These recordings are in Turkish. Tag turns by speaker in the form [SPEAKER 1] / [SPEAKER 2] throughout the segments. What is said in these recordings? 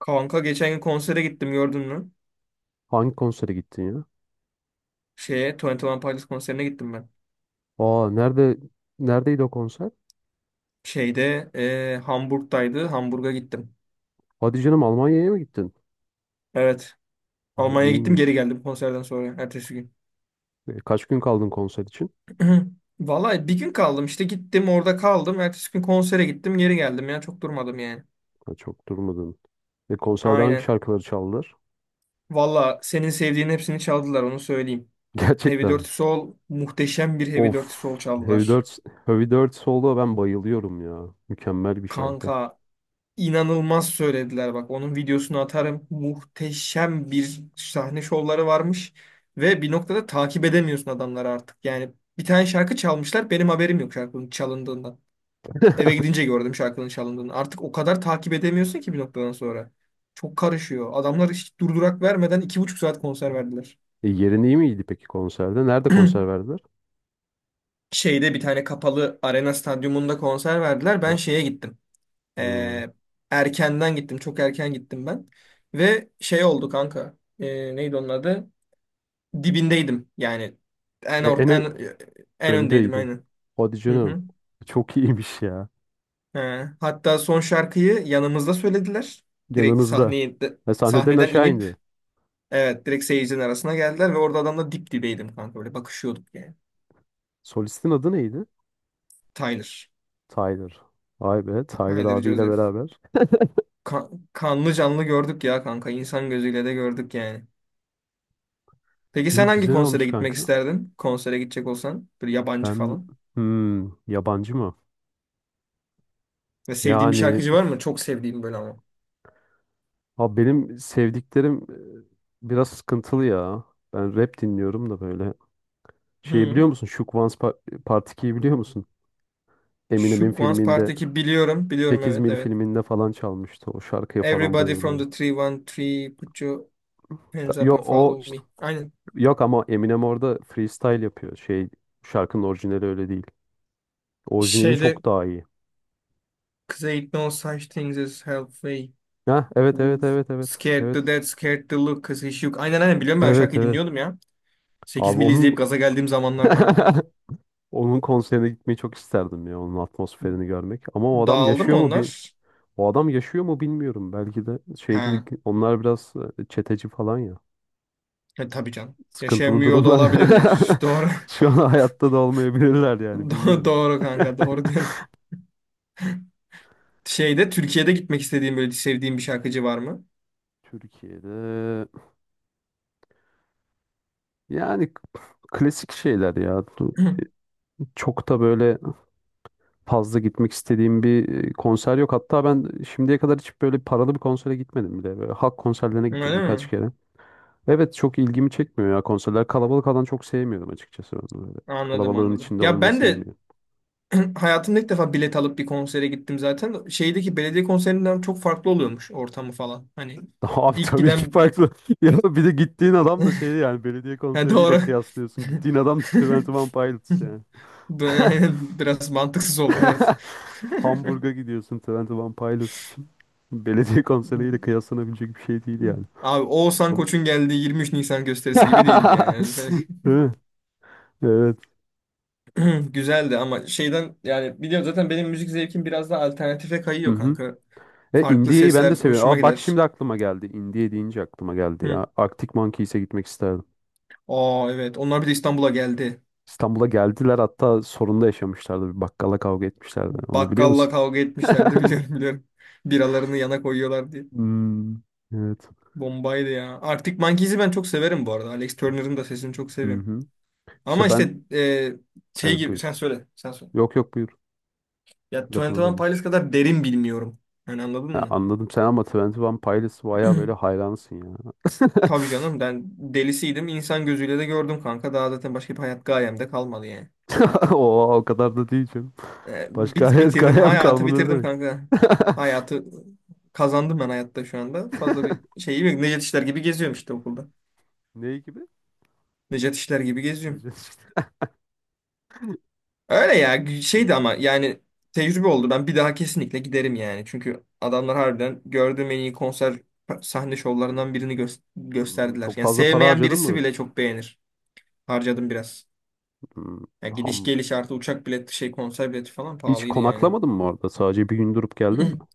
[SPEAKER 1] Kanka, geçen gün konsere gittim, gördün mü?
[SPEAKER 2] Hangi konsere gittin ya?
[SPEAKER 1] 21 Pilots konserine gittim ben.
[SPEAKER 2] Aa, neredeydi o konser?
[SPEAKER 1] Hamburg'daydı. Hamburg'a gittim.
[SPEAKER 2] Hadi canım, Almanya'ya mı gittin?
[SPEAKER 1] Evet.
[SPEAKER 2] O
[SPEAKER 1] Almanya'ya gittim, geri
[SPEAKER 2] iyiymiş.
[SPEAKER 1] geldim konserden sonra. Ertesi gün.
[SPEAKER 2] Kaç gün kaldın konser için?
[SPEAKER 1] Vallahi bir gün kaldım, işte gittim orada kaldım. Ertesi gün konsere gittim, geri geldim ya. Çok durmadım yani.
[SPEAKER 2] Ha, çok durmadın. Konserde hangi
[SPEAKER 1] Aynen.
[SPEAKER 2] şarkıları çaldılar?
[SPEAKER 1] Valla senin sevdiğin hepsini çaldılar, onu söyleyeyim. Heavy
[SPEAKER 2] Gerçekten mi?
[SPEAKER 1] Dirty Soul, muhteşem bir Heavy Dirty Soul
[SPEAKER 2] Of. Heavy
[SPEAKER 1] çaldılar.
[SPEAKER 2] Dirt, Heavy Dirt Solo, ben bayılıyorum ya. Mükemmel bir şarkı.
[SPEAKER 1] Kanka, İnanılmaz söylediler bak. Onun videosunu atarım. Muhteşem bir sahne şovları varmış. Ve bir noktada takip edemiyorsun adamları artık. Yani bir tane şarkı çalmışlar, benim haberim yok şarkının çalındığından. Eve gidince gördüm şarkının çalındığını. Artık o kadar takip edemiyorsun ki bir noktadan sonra. Çok karışıyor. Adamlar hiç durdurak vermeden 2,5 saat konser verdiler.
[SPEAKER 2] Yerin iyi miydi peki konserde? Nerede konser verdiler?
[SPEAKER 1] Şeyde bir tane kapalı arena stadyumunda konser verdiler. Ben
[SPEAKER 2] Ha,
[SPEAKER 1] şeye gittim.
[SPEAKER 2] hmm.
[SPEAKER 1] Ee, Erkenden gittim. Çok erken gittim ben. Ve şey oldu kanka. Neydi onun adı? Dibindeydim. Yani en
[SPEAKER 2] E, en
[SPEAKER 1] ort
[SPEAKER 2] ö-
[SPEAKER 1] en en öndeydim,
[SPEAKER 2] Öndeydin.
[SPEAKER 1] aynen.
[SPEAKER 2] Hadi
[SPEAKER 1] Hı
[SPEAKER 2] canım.
[SPEAKER 1] hı.
[SPEAKER 2] Çok iyiymiş ya.
[SPEAKER 1] He. Hatta son şarkıyı yanımızda söylediler. Direkt
[SPEAKER 2] Yanınızda. Sahneden
[SPEAKER 1] sahneden
[SPEAKER 2] aşağı
[SPEAKER 1] inip,
[SPEAKER 2] indi.
[SPEAKER 1] evet, direkt seyircinin arasına geldiler ve orada adamla dip dibeydim kanka. Böyle bakışıyorduk yani.
[SPEAKER 2] Solistin adı neydi?
[SPEAKER 1] Tyler.
[SPEAKER 2] Tyler. Vay be, Tyler
[SPEAKER 1] Tyler
[SPEAKER 2] abiyle
[SPEAKER 1] Joseph.
[SPEAKER 2] beraber.
[SPEAKER 1] Kanlı canlı gördük ya kanka. İnsan gözüyle de gördük yani. Peki sen
[SPEAKER 2] İyi,
[SPEAKER 1] hangi
[SPEAKER 2] güzel
[SPEAKER 1] konsere
[SPEAKER 2] olmuş
[SPEAKER 1] gitmek
[SPEAKER 2] kanka.
[SPEAKER 1] isterdin? Konsere gidecek olsan. Böyle yabancı
[SPEAKER 2] Ben
[SPEAKER 1] falan.
[SPEAKER 2] yabancı mı?
[SPEAKER 1] Ve sevdiğin bir
[SPEAKER 2] Yani
[SPEAKER 1] şarkıcı var mı? Çok sevdiğim böyle ama.
[SPEAKER 2] abi, benim sevdiklerim biraz sıkıntılı ya. Ben rap dinliyorum da böyle. Şeyi
[SPEAKER 1] Hı.
[SPEAKER 2] biliyor musun? Part 2'yi biliyor musun?
[SPEAKER 1] Şu
[SPEAKER 2] Eminem'in
[SPEAKER 1] Once
[SPEAKER 2] filminde
[SPEAKER 1] Party'deki biliyorum. Biliyorum,
[SPEAKER 2] 8
[SPEAKER 1] evet,
[SPEAKER 2] Mil
[SPEAKER 1] evet.
[SPEAKER 2] filminde falan çalmıştı. O şarkıya falan
[SPEAKER 1] Everybody from
[SPEAKER 2] bayılıyorum.
[SPEAKER 1] the 313 put your hands up
[SPEAKER 2] Yok,
[SPEAKER 1] and
[SPEAKER 2] o
[SPEAKER 1] follow me. Aynen.
[SPEAKER 2] yok ama Eminem orada freestyle yapıyor. Şarkının orijinali öyle değil. Orijinali
[SPEAKER 1] Şeyde,
[SPEAKER 2] çok daha iyi.
[SPEAKER 1] cause ain't no such things as halfway.
[SPEAKER 2] Ha, evet, evet,
[SPEAKER 1] Oof.
[SPEAKER 2] evet, evet.
[SPEAKER 1] Scared to
[SPEAKER 2] Evet.
[SPEAKER 1] death, scared to look, cause he shook. Aynen, aynen, biliyorum, ben o
[SPEAKER 2] Evet,
[SPEAKER 1] şarkıyı
[SPEAKER 2] evet.
[SPEAKER 1] dinliyordum ya. 8
[SPEAKER 2] Abi
[SPEAKER 1] mili
[SPEAKER 2] onun
[SPEAKER 1] izleyip gaza geldiğim zamanlar kanka.
[SPEAKER 2] onun konserine gitmeyi çok isterdim ya. Onun atmosferini görmek. Ama o adam
[SPEAKER 1] Dağıldı mı
[SPEAKER 2] yaşıyor mu bil,
[SPEAKER 1] onlar?
[SPEAKER 2] o adam yaşıyor mu bilmiyorum. Belki de şey değil.
[SPEAKER 1] He.
[SPEAKER 2] Onlar biraz çeteci falan ya.
[SPEAKER 1] E, tabii canım.
[SPEAKER 2] Sıkıntılı
[SPEAKER 1] Yaşayamıyor da
[SPEAKER 2] durumlar.
[SPEAKER 1] olabilirler. Doğru.
[SPEAKER 2] Şu an hayatta da olmayabilirler yani,
[SPEAKER 1] Doğru,
[SPEAKER 2] bilmiyorum.
[SPEAKER 1] doğru kanka, doğru diyorsun. Şeyde Türkiye'de gitmek istediğin böyle sevdiğin bir şarkıcı var mı?
[SPEAKER 2] Türkiye'de, yani klasik şeyler ya. Çok da böyle fazla gitmek istediğim bir konser yok. Hatta ben şimdiye kadar hiç böyle paralı bir konsere gitmedim bile. Böyle halk konserlerine gittim
[SPEAKER 1] Öyle
[SPEAKER 2] birkaç
[SPEAKER 1] mi?
[SPEAKER 2] kere. Evet, çok ilgimi çekmiyor ya konserler. Kalabalık alan çok sevmiyorum, açıkçası. Ben böyle
[SPEAKER 1] Anladım,
[SPEAKER 2] kalabalığın
[SPEAKER 1] anladım.
[SPEAKER 2] içinde
[SPEAKER 1] Ya
[SPEAKER 2] olmayı
[SPEAKER 1] ben de
[SPEAKER 2] sevmiyorum.
[SPEAKER 1] hayatımda ilk defa bilet alıp bir konsere gittim zaten. Şeydeki belediye konserinden çok farklı oluyormuş, ortamı falan. Hani
[SPEAKER 2] Abi,
[SPEAKER 1] ilk
[SPEAKER 2] tabii ki
[SPEAKER 1] giden
[SPEAKER 2] farklı. Ya bir de gittiğin adam da şeydi yani, belediye
[SPEAKER 1] Ha,
[SPEAKER 2] konseriyle
[SPEAKER 1] doğru.
[SPEAKER 2] kıyaslıyorsun. Gittiğin adam da Twenty One Pilots yani.
[SPEAKER 1] Böyle, aynen, biraz mantıksız oldu, evet.
[SPEAKER 2] Hamburg'a gidiyorsun Twenty One Pilots için. Belediye konseriyle kıyaslanabilecek bir şey değil yani.
[SPEAKER 1] Abi Oğuzhan
[SPEAKER 2] Bu-
[SPEAKER 1] Koç'un geldiği 23 Nisan gösterisi gibi değildi yani. Öyle.
[SPEAKER 2] Değil mi? Evet.
[SPEAKER 1] Güzeldi ama şeyden, yani biliyorum zaten benim müzik zevkim biraz daha alternatife
[SPEAKER 2] Hı
[SPEAKER 1] kayıyor
[SPEAKER 2] hı.
[SPEAKER 1] kanka. Farklı
[SPEAKER 2] India'yı ben
[SPEAKER 1] sesler
[SPEAKER 2] de seviyorum.
[SPEAKER 1] hoşuma
[SPEAKER 2] Aa, bak,
[SPEAKER 1] gider.
[SPEAKER 2] şimdi aklıma geldi. India deyince aklıma geldi ya.
[SPEAKER 1] Hı.
[SPEAKER 2] Arctic Monkeys'e gitmek isterdim.
[SPEAKER 1] Aa, evet, onlar bir de İstanbul'a geldi.
[SPEAKER 2] İstanbul'a geldiler, hatta sorunda yaşamışlardı. Bir bakkala kavga etmişlerdi. Onu biliyor
[SPEAKER 1] Bakkalla
[SPEAKER 2] musun?
[SPEAKER 1] kavga etmişlerdi, biliyorum, biliyorum. Biralarını yana koyuyorlar diye.
[SPEAKER 2] Hmm, evet.
[SPEAKER 1] Bombaydı ya. Arctic Monkeys'i ben çok severim bu arada. Alex Turner'ın da sesini çok
[SPEAKER 2] Hı
[SPEAKER 1] seviyorum.
[SPEAKER 2] hı.
[SPEAKER 1] Ama
[SPEAKER 2] İşte
[SPEAKER 1] işte, şey
[SPEAKER 2] evet,
[SPEAKER 1] gibi,
[SPEAKER 2] buyur.
[SPEAKER 1] sen söyle, sen söyle.
[SPEAKER 2] Yok, yok, buyur.
[SPEAKER 1] Ya
[SPEAKER 2] Lafını
[SPEAKER 1] 21
[SPEAKER 2] böldüm.
[SPEAKER 1] Pilots kadar derin bilmiyorum. Yani anladın
[SPEAKER 2] Ya
[SPEAKER 1] mı?
[SPEAKER 2] anladım sen, ama Twenty One Pilots bayağı böyle hayranısın ya.
[SPEAKER 1] Tabii canım, ben delisiydim. İnsan gözüyle de gördüm kanka. Daha zaten başka bir hayat gayemde kalmadı yani.
[SPEAKER 2] Oo, o kadar da değil canım. Başka
[SPEAKER 1] Bitirdim.
[SPEAKER 2] hikayem
[SPEAKER 1] Hayatı
[SPEAKER 2] kalmadı
[SPEAKER 1] bitirdim
[SPEAKER 2] demek.
[SPEAKER 1] kanka. Hayatı kazandım ben, hayatta şu anda. Fazla bir şey yok. Necdet İşler gibi geziyorum işte, okulda.
[SPEAKER 2] Neyi gibi?
[SPEAKER 1] Necdet İşler gibi geziyorum.
[SPEAKER 2] Necdet işte.
[SPEAKER 1] Öyle ya, şeydi ama yani tecrübe oldu. Ben bir daha kesinlikle giderim yani. Çünkü adamlar harbiden gördüğüm en iyi konser sahne şovlarından
[SPEAKER 2] Anladım.
[SPEAKER 1] gösterdiler.
[SPEAKER 2] Çok
[SPEAKER 1] Yani
[SPEAKER 2] fazla para
[SPEAKER 1] sevmeyen
[SPEAKER 2] harcadın
[SPEAKER 1] birisi
[SPEAKER 2] mı?
[SPEAKER 1] bile çok beğenir. Harcadım biraz.
[SPEAKER 2] Hmm.
[SPEAKER 1] Ya gidiş
[SPEAKER 2] ham-
[SPEAKER 1] geliş, artı uçak bileti, şey, konser bileti falan
[SPEAKER 2] Hiç
[SPEAKER 1] pahalıydı yani.
[SPEAKER 2] konaklamadın mı orada? Sadece bir gün durup geldin mi?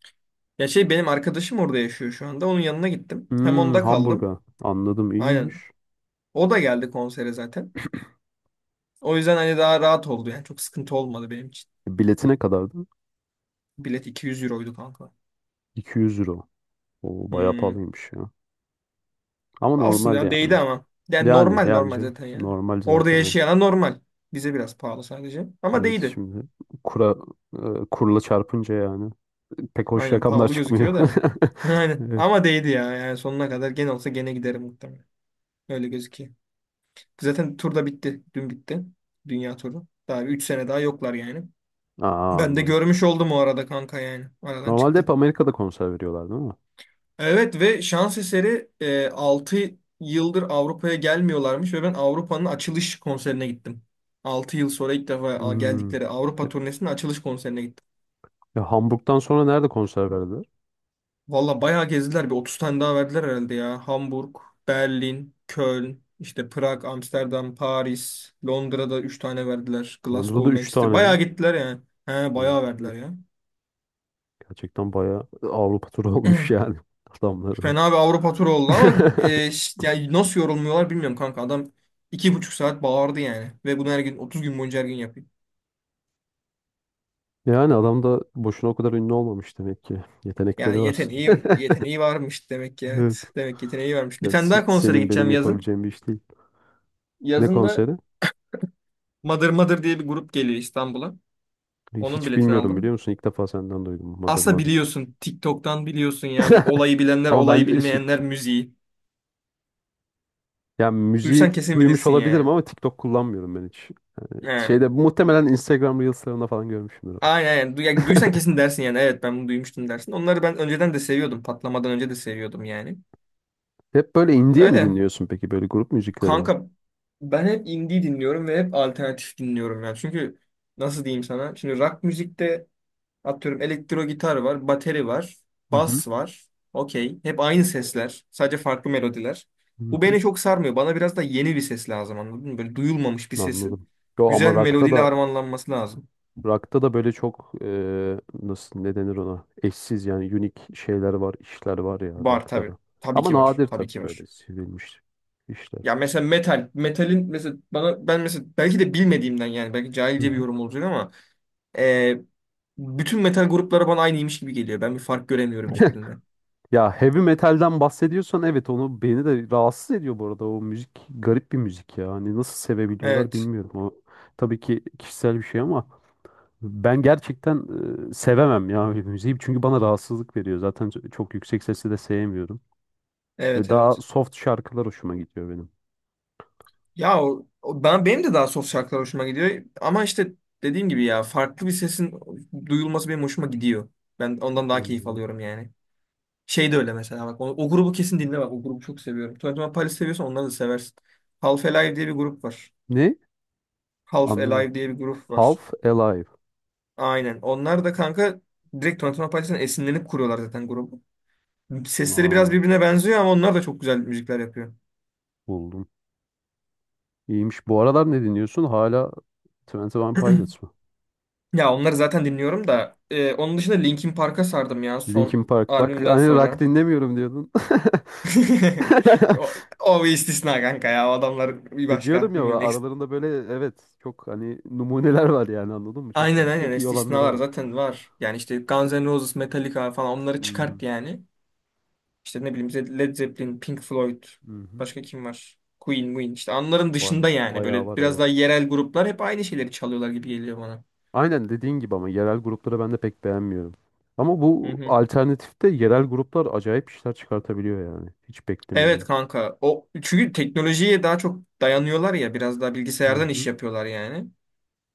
[SPEAKER 1] Ya şey, benim arkadaşım orada yaşıyor şu anda. Onun yanına gittim. Hem
[SPEAKER 2] Hmm,
[SPEAKER 1] onda kaldım.
[SPEAKER 2] Hamburg'a. Anladım,
[SPEAKER 1] Aynen.
[SPEAKER 2] iyiymiş.
[SPEAKER 1] O da geldi konsere zaten. O yüzden hani daha rahat oldu yani. Çok sıkıntı olmadı benim için.
[SPEAKER 2] Bileti ne kadardı?
[SPEAKER 1] Bilet 200 euroydu kanka.
[SPEAKER 2] 200 euro. O bayağı
[SPEAKER 1] Hmm.
[SPEAKER 2] pahalıymış ya. Ama
[SPEAKER 1] Olsun
[SPEAKER 2] normal
[SPEAKER 1] ya, değdi
[SPEAKER 2] yani.
[SPEAKER 1] ama. Yani
[SPEAKER 2] Yani,
[SPEAKER 1] normal,
[SPEAKER 2] yani
[SPEAKER 1] normal
[SPEAKER 2] canım.
[SPEAKER 1] zaten yani.
[SPEAKER 2] Normal
[SPEAKER 1] Orada
[SPEAKER 2] zaten. Evet,
[SPEAKER 1] yaşayana normal. Bize biraz pahalı sadece. Ama
[SPEAKER 2] evet,
[SPEAKER 1] değdi.
[SPEAKER 2] şimdi kura kurla çarpınca yani pek hoş
[SPEAKER 1] Aynen,
[SPEAKER 2] rakamlar
[SPEAKER 1] pahalı
[SPEAKER 2] çıkmıyor.
[SPEAKER 1] gözüküyor da. Aynen.
[SPEAKER 2] Evet.
[SPEAKER 1] Ama değdi ya. Yani sonuna kadar, gene olsa gene giderim muhtemelen. Öyle gözüküyor. Zaten tur da bitti. Dün bitti. Dünya turu. Daha 3 sene daha yoklar yani.
[SPEAKER 2] Aa,
[SPEAKER 1] Ben de
[SPEAKER 2] anladım.
[SPEAKER 1] görmüş oldum o arada kanka yani. Aradan
[SPEAKER 2] Normalde hep
[SPEAKER 1] çıktım.
[SPEAKER 2] Amerika'da konser veriyorlar, değil mi?
[SPEAKER 1] Evet, ve şans eseri 6 yıldır Avrupa'ya gelmiyorlarmış ve ben Avrupa'nın açılış konserine gittim. 6 yıl sonra ilk defa
[SPEAKER 2] Hmm.
[SPEAKER 1] geldikleri
[SPEAKER 2] E,
[SPEAKER 1] Avrupa turnesinin açılış konserine gittim.
[SPEAKER 2] Hamburg'dan sonra nerede konser verdi?
[SPEAKER 1] Valla bayağı gezdiler. Bir 30 tane daha verdiler herhalde ya. Hamburg, Berlin, Köln, işte Prag, Amsterdam, Paris, Londra'da 3 tane verdiler.
[SPEAKER 2] Londra'da
[SPEAKER 1] Glasgow,
[SPEAKER 2] 3
[SPEAKER 1] Manchester.
[SPEAKER 2] tane
[SPEAKER 1] Bayağı
[SPEAKER 2] mi?
[SPEAKER 1] gittiler yani. He,
[SPEAKER 2] Oo,
[SPEAKER 1] bayağı verdiler ya.
[SPEAKER 2] gerçekten bayağı Avrupa turu olmuş yani adamların.
[SPEAKER 1] Fena bir Avrupa turu oldu ama yani nasıl yorulmuyorlar bilmiyorum kanka. Adam 2,5 saat bağırdı yani. Ve bunu her gün, 30 gün boyunca her gün yapıyor.
[SPEAKER 2] Yani adam da boşuna o kadar ünlü olmamış demek ki. Yetenekleri
[SPEAKER 1] Yani
[SPEAKER 2] var.
[SPEAKER 1] yeteneği varmış demek ki,
[SPEAKER 2] Evet.
[SPEAKER 1] evet. Demek ki yeteneği varmış. Bir
[SPEAKER 2] Ya
[SPEAKER 1] tane daha konsere
[SPEAKER 2] senin
[SPEAKER 1] gideceğim
[SPEAKER 2] benim
[SPEAKER 1] yazın.
[SPEAKER 2] yapabileceğim bir iş değil. Ne
[SPEAKER 1] Yazın da
[SPEAKER 2] konseri?
[SPEAKER 1] Mother Mother diye bir grup geliyor İstanbul'a. Onun
[SPEAKER 2] Hiç
[SPEAKER 1] biletini
[SPEAKER 2] bilmiyorum, biliyor
[SPEAKER 1] aldım.
[SPEAKER 2] musun? İlk defa senden duydum. Mother
[SPEAKER 1] Aslında
[SPEAKER 2] Mother.
[SPEAKER 1] biliyorsun. TikTok'tan biliyorsun ya. Bu, olayı bilenler,
[SPEAKER 2] Ama
[SPEAKER 1] olayı
[SPEAKER 2] ben
[SPEAKER 1] bilmeyenler müziği.
[SPEAKER 2] yani
[SPEAKER 1] Duysan
[SPEAKER 2] müziği
[SPEAKER 1] kesin
[SPEAKER 2] duymuş
[SPEAKER 1] bilirsin
[SPEAKER 2] olabilirim
[SPEAKER 1] yani.
[SPEAKER 2] ama TikTok kullanmıyorum ben hiç.
[SPEAKER 1] Yani,
[SPEAKER 2] Muhtemelen Instagram Reels'larında falan görmüşümdür ama.
[SPEAKER 1] aynen, aynen. Ya duysan kesin dersin yani. Evet, ben bunu duymuştum dersin. Onları ben önceden de seviyordum. Patlamadan önce de seviyordum yani.
[SPEAKER 2] Hep böyle indie mi
[SPEAKER 1] Öyle.
[SPEAKER 2] dinliyorsun peki? Böyle grup müzikleri mi?
[SPEAKER 1] Kanka, ben hep indie dinliyorum ve hep alternatif dinliyorum yani. Çünkü nasıl diyeyim sana? Şimdi rock müzikte, atıyorum, elektro gitar var, bateri var,
[SPEAKER 2] Hı hı.
[SPEAKER 1] bas var. Okey. Hep aynı sesler. Sadece farklı melodiler.
[SPEAKER 2] Hı
[SPEAKER 1] Bu
[SPEAKER 2] hı.
[SPEAKER 1] beni çok sarmıyor. Bana biraz da yeni bir ses lazım, anladın mı? Böyle duyulmamış bir sesin
[SPEAKER 2] Anladım. Yo,
[SPEAKER 1] güzel
[SPEAKER 2] ama
[SPEAKER 1] bir
[SPEAKER 2] rock'ta
[SPEAKER 1] melodiyle
[SPEAKER 2] da
[SPEAKER 1] harmanlanması lazım.
[SPEAKER 2] rock'ta da böyle çok nasıl ne denir ona? Eşsiz, yani unique işler var ya
[SPEAKER 1] Var
[SPEAKER 2] rock'ta
[SPEAKER 1] tabii.
[SPEAKER 2] da.
[SPEAKER 1] Tabii
[SPEAKER 2] Ama
[SPEAKER 1] ki var.
[SPEAKER 2] nadir
[SPEAKER 1] Tabii
[SPEAKER 2] tabii
[SPEAKER 1] ki var.
[SPEAKER 2] böyle sevilmiş işler.
[SPEAKER 1] Ya mesela metal. Metalin mesela, bana, ben mesela, belki de bilmediğimden yani, belki
[SPEAKER 2] Hı
[SPEAKER 1] cahilce bir
[SPEAKER 2] hı.
[SPEAKER 1] yorum olacak ama e, bütün metal grupları bana aynıymış gibi geliyor. Ben bir fark göremiyorum hiçbirinde.
[SPEAKER 2] Ya heavy metalden bahsediyorsan, evet, onu beni de rahatsız ediyor bu arada, o müzik garip bir müzik ya. Hani nasıl sevebiliyorlar
[SPEAKER 1] Evet.
[SPEAKER 2] bilmiyorum. O tabii ki kişisel bir şey ama ben gerçekten sevemem ya öyle bir müziği. Çünkü bana rahatsızlık veriyor. Zaten çok yüksek sesi de sevmiyorum. Ve
[SPEAKER 1] Evet,
[SPEAKER 2] daha
[SPEAKER 1] evet.
[SPEAKER 2] soft şarkılar hoşuma gidiyor benim.
[SPEAKER 1] Ya benim de daha soft şarkılar hoşuma gidiyor ama işte dediğim gibi, ya farklı bir sesin duyulması benim hoşuma gidiyor. Ben ondan daha keyif
[SPEAKER 2] Anladım.
[SPEAKER 1] alıyorum yani. Şey de öyle, mesela bak o grubu kesin dinle, bak o grubu çok seviyorum. Twenty One Pilots seviyorsan onları da seversin. Half Alive diye bir grup var.
[SPEAKER 2] Ne?
[SPEAKER 1] Half
[SPEAKER 2] Anlayamadım.
[SPEAKER 1] Alive diye bir grup var.
[SPEAKER 2] Half Alive.
[SPEAKER 1] Aynen. Onlar da kanka direkt Twenty One Pilots'tan esinlenip kuruyorlar zaten grubu. Sesleri
[SPEAKER 2] Aa,
[SPEAKER 1] biraz birbirine benziyor ama onlar da çok güzel müzikler yapıyor.
[SPEAKER 2] buldum. İyiymiş. Bu aralar ne dinliyorsun? Hala Twenty One Pilots mı?
[SPEAKER 1] Ya onları zaten dinliyorum da onun dışında Linkin Park'a sardım ya son
[SPEAKER 2] Linkin Park. Bak,
[SPEAKER 1] albümden
[SPEAKER 2] hani rock
[SPEAKER 1] sonra.
[SPEAKER 2] dinlemiyorum diyordun.
[SPEAKER 1] O, O bir istisna kanka ya. O adamlar bir
[SPEAKER 2] Diyorum
[SPEAKER 1] başka.
[SPEAKER 2] ya,
[SPEAKER 1] Bilmiyorum.
[SPEAKER 2] aralarında böyle, evet, çok hani numuneler var yani, anladın mı? Çok
[SPEAKER 1] Aynen,
[SPEAKER 2] böyle
[SPEAKER 1] aynen,
[SPEAKER 2] çok iyi olanları
[SPEAKER 1] istisnalar
[SPEAKER 2] var.
[SPEAKER 1] zaten var. Yani işte Guns N' Roses, Metallica falan, onları çıkart
[SPEAKER 2] Hmm,
[SPEAKER 1] yani. İşte ne bileyim, Led Zeppelin, Pink Floyd.
[SPEAKER 2] hı hı.
[SPEAKER 1] Başka kim var? Queen, Queen. İşte onların dışında yani.
[SPEAKER 2] Bayağı
[SPEAKER 1] Böyle
[SPEAKER 2] var,
[SPEAKER 1] biraz
[SPEAKER 2] evet.
[SPEAKER 1] daha yerel gruplar hep aynı şeyleri çalıyorlar gibi geliyor bana.
[SPEAKER 2] Aynen dediğin gibi, ama yerel grupları ben de pek beğenmiyorum. Ama
[SPEAKER 1] Hı
[SPEAKER 2] bu
[SPEAKER 1] hı.
[SPEAKER 2] alternatifte yerel gruplar acayip işler çıkartabiliyor yani. Hiç
[SPEAKER 1] Evet
[SPEAKER 2] beklemediğim.
[SPEAKER 1] kanka. O çünkü teknolojiye daha çok dayanıyorlar ya, biraz daha
[SPEAKER 2] Hı
[SPEAKER 1] bilgisayardan iş
[SPEAKER 2] hı.
[SPEAKER 1] yapıyorlar yani.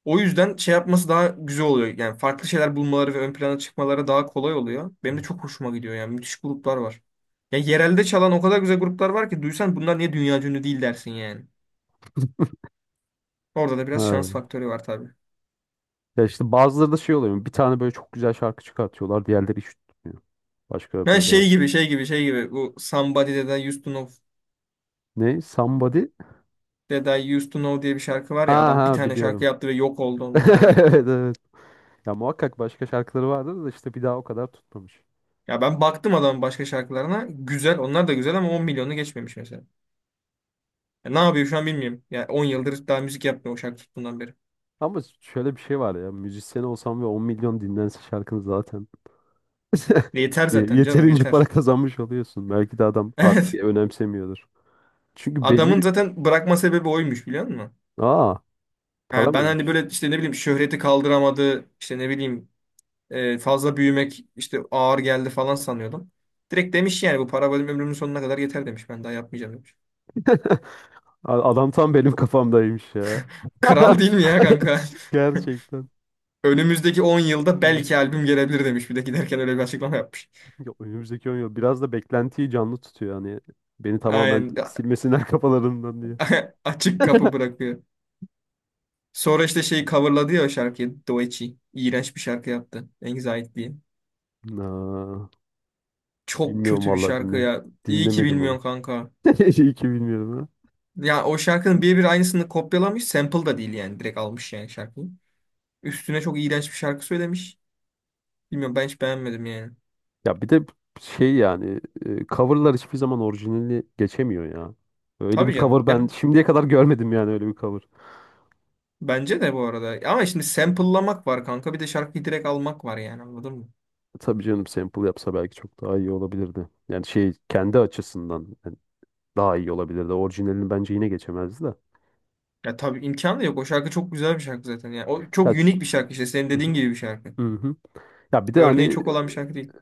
[SPEAKER 1] O yüzden şey yapması daha güzel oluyor. Yani farklı şeyler bulmaları ve ön plana çıkmaları daha kolay oluyor. Benim de çok hoşuma gidiyor yani. Müthiş gruplar var. Ya yerelde çalan o kadar güzel gruplar var ki duysan, bunlar niye dünya ünlü değil dersin yani. Orada da biraz şans
[SPEAKER 2] Evet.
[SPEAKER 1] faktörü var tabii.
[SPEAKER 2] Ya işte bazıları da şey oluyor. Bir tane böyle çok güzel şarkı çıkartıyorlar. Diğerleri hiç tutmuyor. Başka
[SPEAKER 1] Ben
[SPEAKER 2] böyle
[SPEAKER 1] şey gibi şey gibi şey gibi Bu Somebody That I Used to Know,
[SPEAKER 2] ne? Somebody?
[SPEAKER 1] Diye bir şarkı var
[SPEAKER 2] Ha
[SPEAKER 1] ya, adam bir
[SPEAKER 2] ha,
[SPEAKER 1] tane şarkı
[SPEAKER 2] biliyorum.
[SPEAKER 1] yaptı ve yok oldu ondan sonra.
[SPEAKER 2] Evet, evet. Ya muhakkak başka şarkıları vardır da işte bir daha o kadar tutmamış.
[SPEAKER 1] Ya ben baktım adamın başka şarkılarına. Güzel. Onlar da güzel ama 10 milyonu geçmemiş mesela. Ya ne yapıyor şu an bilmiyorum. Ya 10 yıldır daha müzik yapmıyor o şarkı tuttuğundan beri.
[SPEAKER 2] Ama şöyle bir şey var ya. Müzisyen olsam ve 10 milyon dinlense şarkını zaten.
[SPEAKER 1] E, yeter zaten canım,
[SPEAKER 2] Yeterince para
[SPEAKER 1] yeter.
[SPEAKER 2] kazanmış oluyorsun. Belki de adam artık
[SPEAKER 1] Evet.
[SPEAKER 2] önemsemiyordur. Çünkü belli
[SPEAKER 1] Adamın
[SPEAKER 2] bir...
[SPEAKER 1] zaten bırakma sebebi oymuş, biliyor musun?
[SPEAKER 2] Aa, para
[SPEAKER 1] Ha, ben hani
[SPEAKER 2] mıymış?
[SPEAKER 1] böyle işte, ne bileyim, şöhreti kaldıramadı, işte ne bileyim, fazla büyümek işte ağır geldi falan sanıyordum. Direkt demiş yani, bu para benim ömrümün sonuna kadar yeter demiş. Ben daha yapmayacağım demiş.
[SPEAKER 2] Adam tam benim kafamdaymış ya.
[SPEAKER 1] Kral değil mi ya kanka?
[SPEAKER 2] Gerçekten.
[SPEAKER 1] Önümüzdeki 10 yılda
[SPEAKER 2] Hmm.
[SPEAKER 1] belki albüm gelebilir demiş. Bir de giderken öyle bir açıklama yapmış.
[SPEAKER 2] Ya önümüzdeki 10 yıl biraz da beklentiyi canlı tutuyor hani. Beni tamamen
[SPEAKER 1] Aynen.
[SPEAKER 2] silmesinler kafalarından diye.
[SPEAKER 1] Açık kapı bırakıyor. Sonra işte şeyi coverladı ya o şarkıyı. Doechi. İğrenç bir şarkı yaptı. Anxiety diye.
[SPEAKER 2] Aa,
[SPEAKER 1] Çok
[SPEAKER 2] bilmiyorum
[SPEAKER 1] kötü bir
[SPEAKER 2] vallahi,
[SPEAKER 1] şarkı
[SPEAKER 2] dinle.
[SPEAKER 1] ya. İyi ki
[SPEAKER 2] Dinlemedim onu.
[SPEAKER 1] bilmiyorsun kanka.
[SPEAKER 2] İyi ki bilmiyorum.
[SPEAKER 1] Ya o şarkının birebir aynısını kopyalamış. Sample da değil yani. Direkt almış yani şarkıyı. Üstüne çok iğrenç bir şarkı söylemiş. Bilmiyorum, ben hiç beğenmedim yani.
[SPEAKER 2] Ya bir de şey yani, coverlar hiçbir zaman orijinali geçemiyor ya. Öyle bir
[SPEAKER 1] Tabii canım.
[SPEAKER 2] cover
[SPEAKER 1] Ya
[SPEAKER 2] ben şimdiye kadar görmedim, yani öyle bir cover.
[SPEAKER 1] bence de, bu arada. Ama şimdi sample'lamak var kanka. Bir de şarkıyı direkt almak var yani, anladın mı?
[SPEAKER 2] Tabii canım, sample yapsa belki çok daha iyi olabilirdi. Yani kendi açısından yani daha iyi olabilirdi. Orijinalini bence yine geçemezdi de.
[SPEAKER 1] Ya tabii imkanı da yok. O şarkı çok güzel bir şarkı zaten. Yani o çok
[SPEAKER 2] Ya,
[SPEAKER 1] unik bir şarkı işte. Senin
[SPEAKER 2] hı
[SPEAKER 1] dediğin
[SPEAKER 2] hı.
[SPEAKER 1] gibi bir şarkı.
[SPEAKER 2] Hı hı. Ya bir de
[SPEAKER 1] Örneği
[SPEAKER 2] hani
[SPEAKER 1] çok olan bir şarkı değil.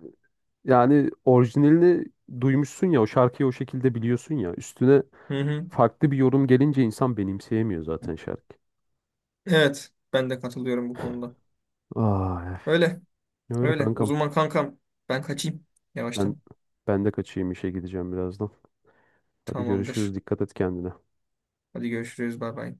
[SPEAKER 2] yani orijinalini duymuşsun ya o şarkıyı, o şekilde biliyorsun ya. Üstüne
[SPEAKER 1] Hı hı.
[SPEAKER 2] farklı bir yorum gelince insan benimseyemiyor zaten şarkı.
[SPEAKER 1] Evet, ben de katılıyorum bu konuda.
[SPEAKER 2] Ay,
[SPEAKER 1] Öyle,
[SPEAKER 2] öyle
[SPEAKER 1] öyle. O
[SPEAKER 2] kankam.
[SPEAKER 1] zaman kankam, ben kaçayım
[SPEAKER 2] Ben
[SPEAKER 1] yavaştan.
[SPEAKER 2] ben de kaçayım, işe gideceğim birazdan. Hadi
[SPEAKER 1] Tamamdır.
[SPEAKER 2] görüşürüz. Dikkat et kendine.
[SPEAKER 1] Hadi görüşürüz. Bay bay.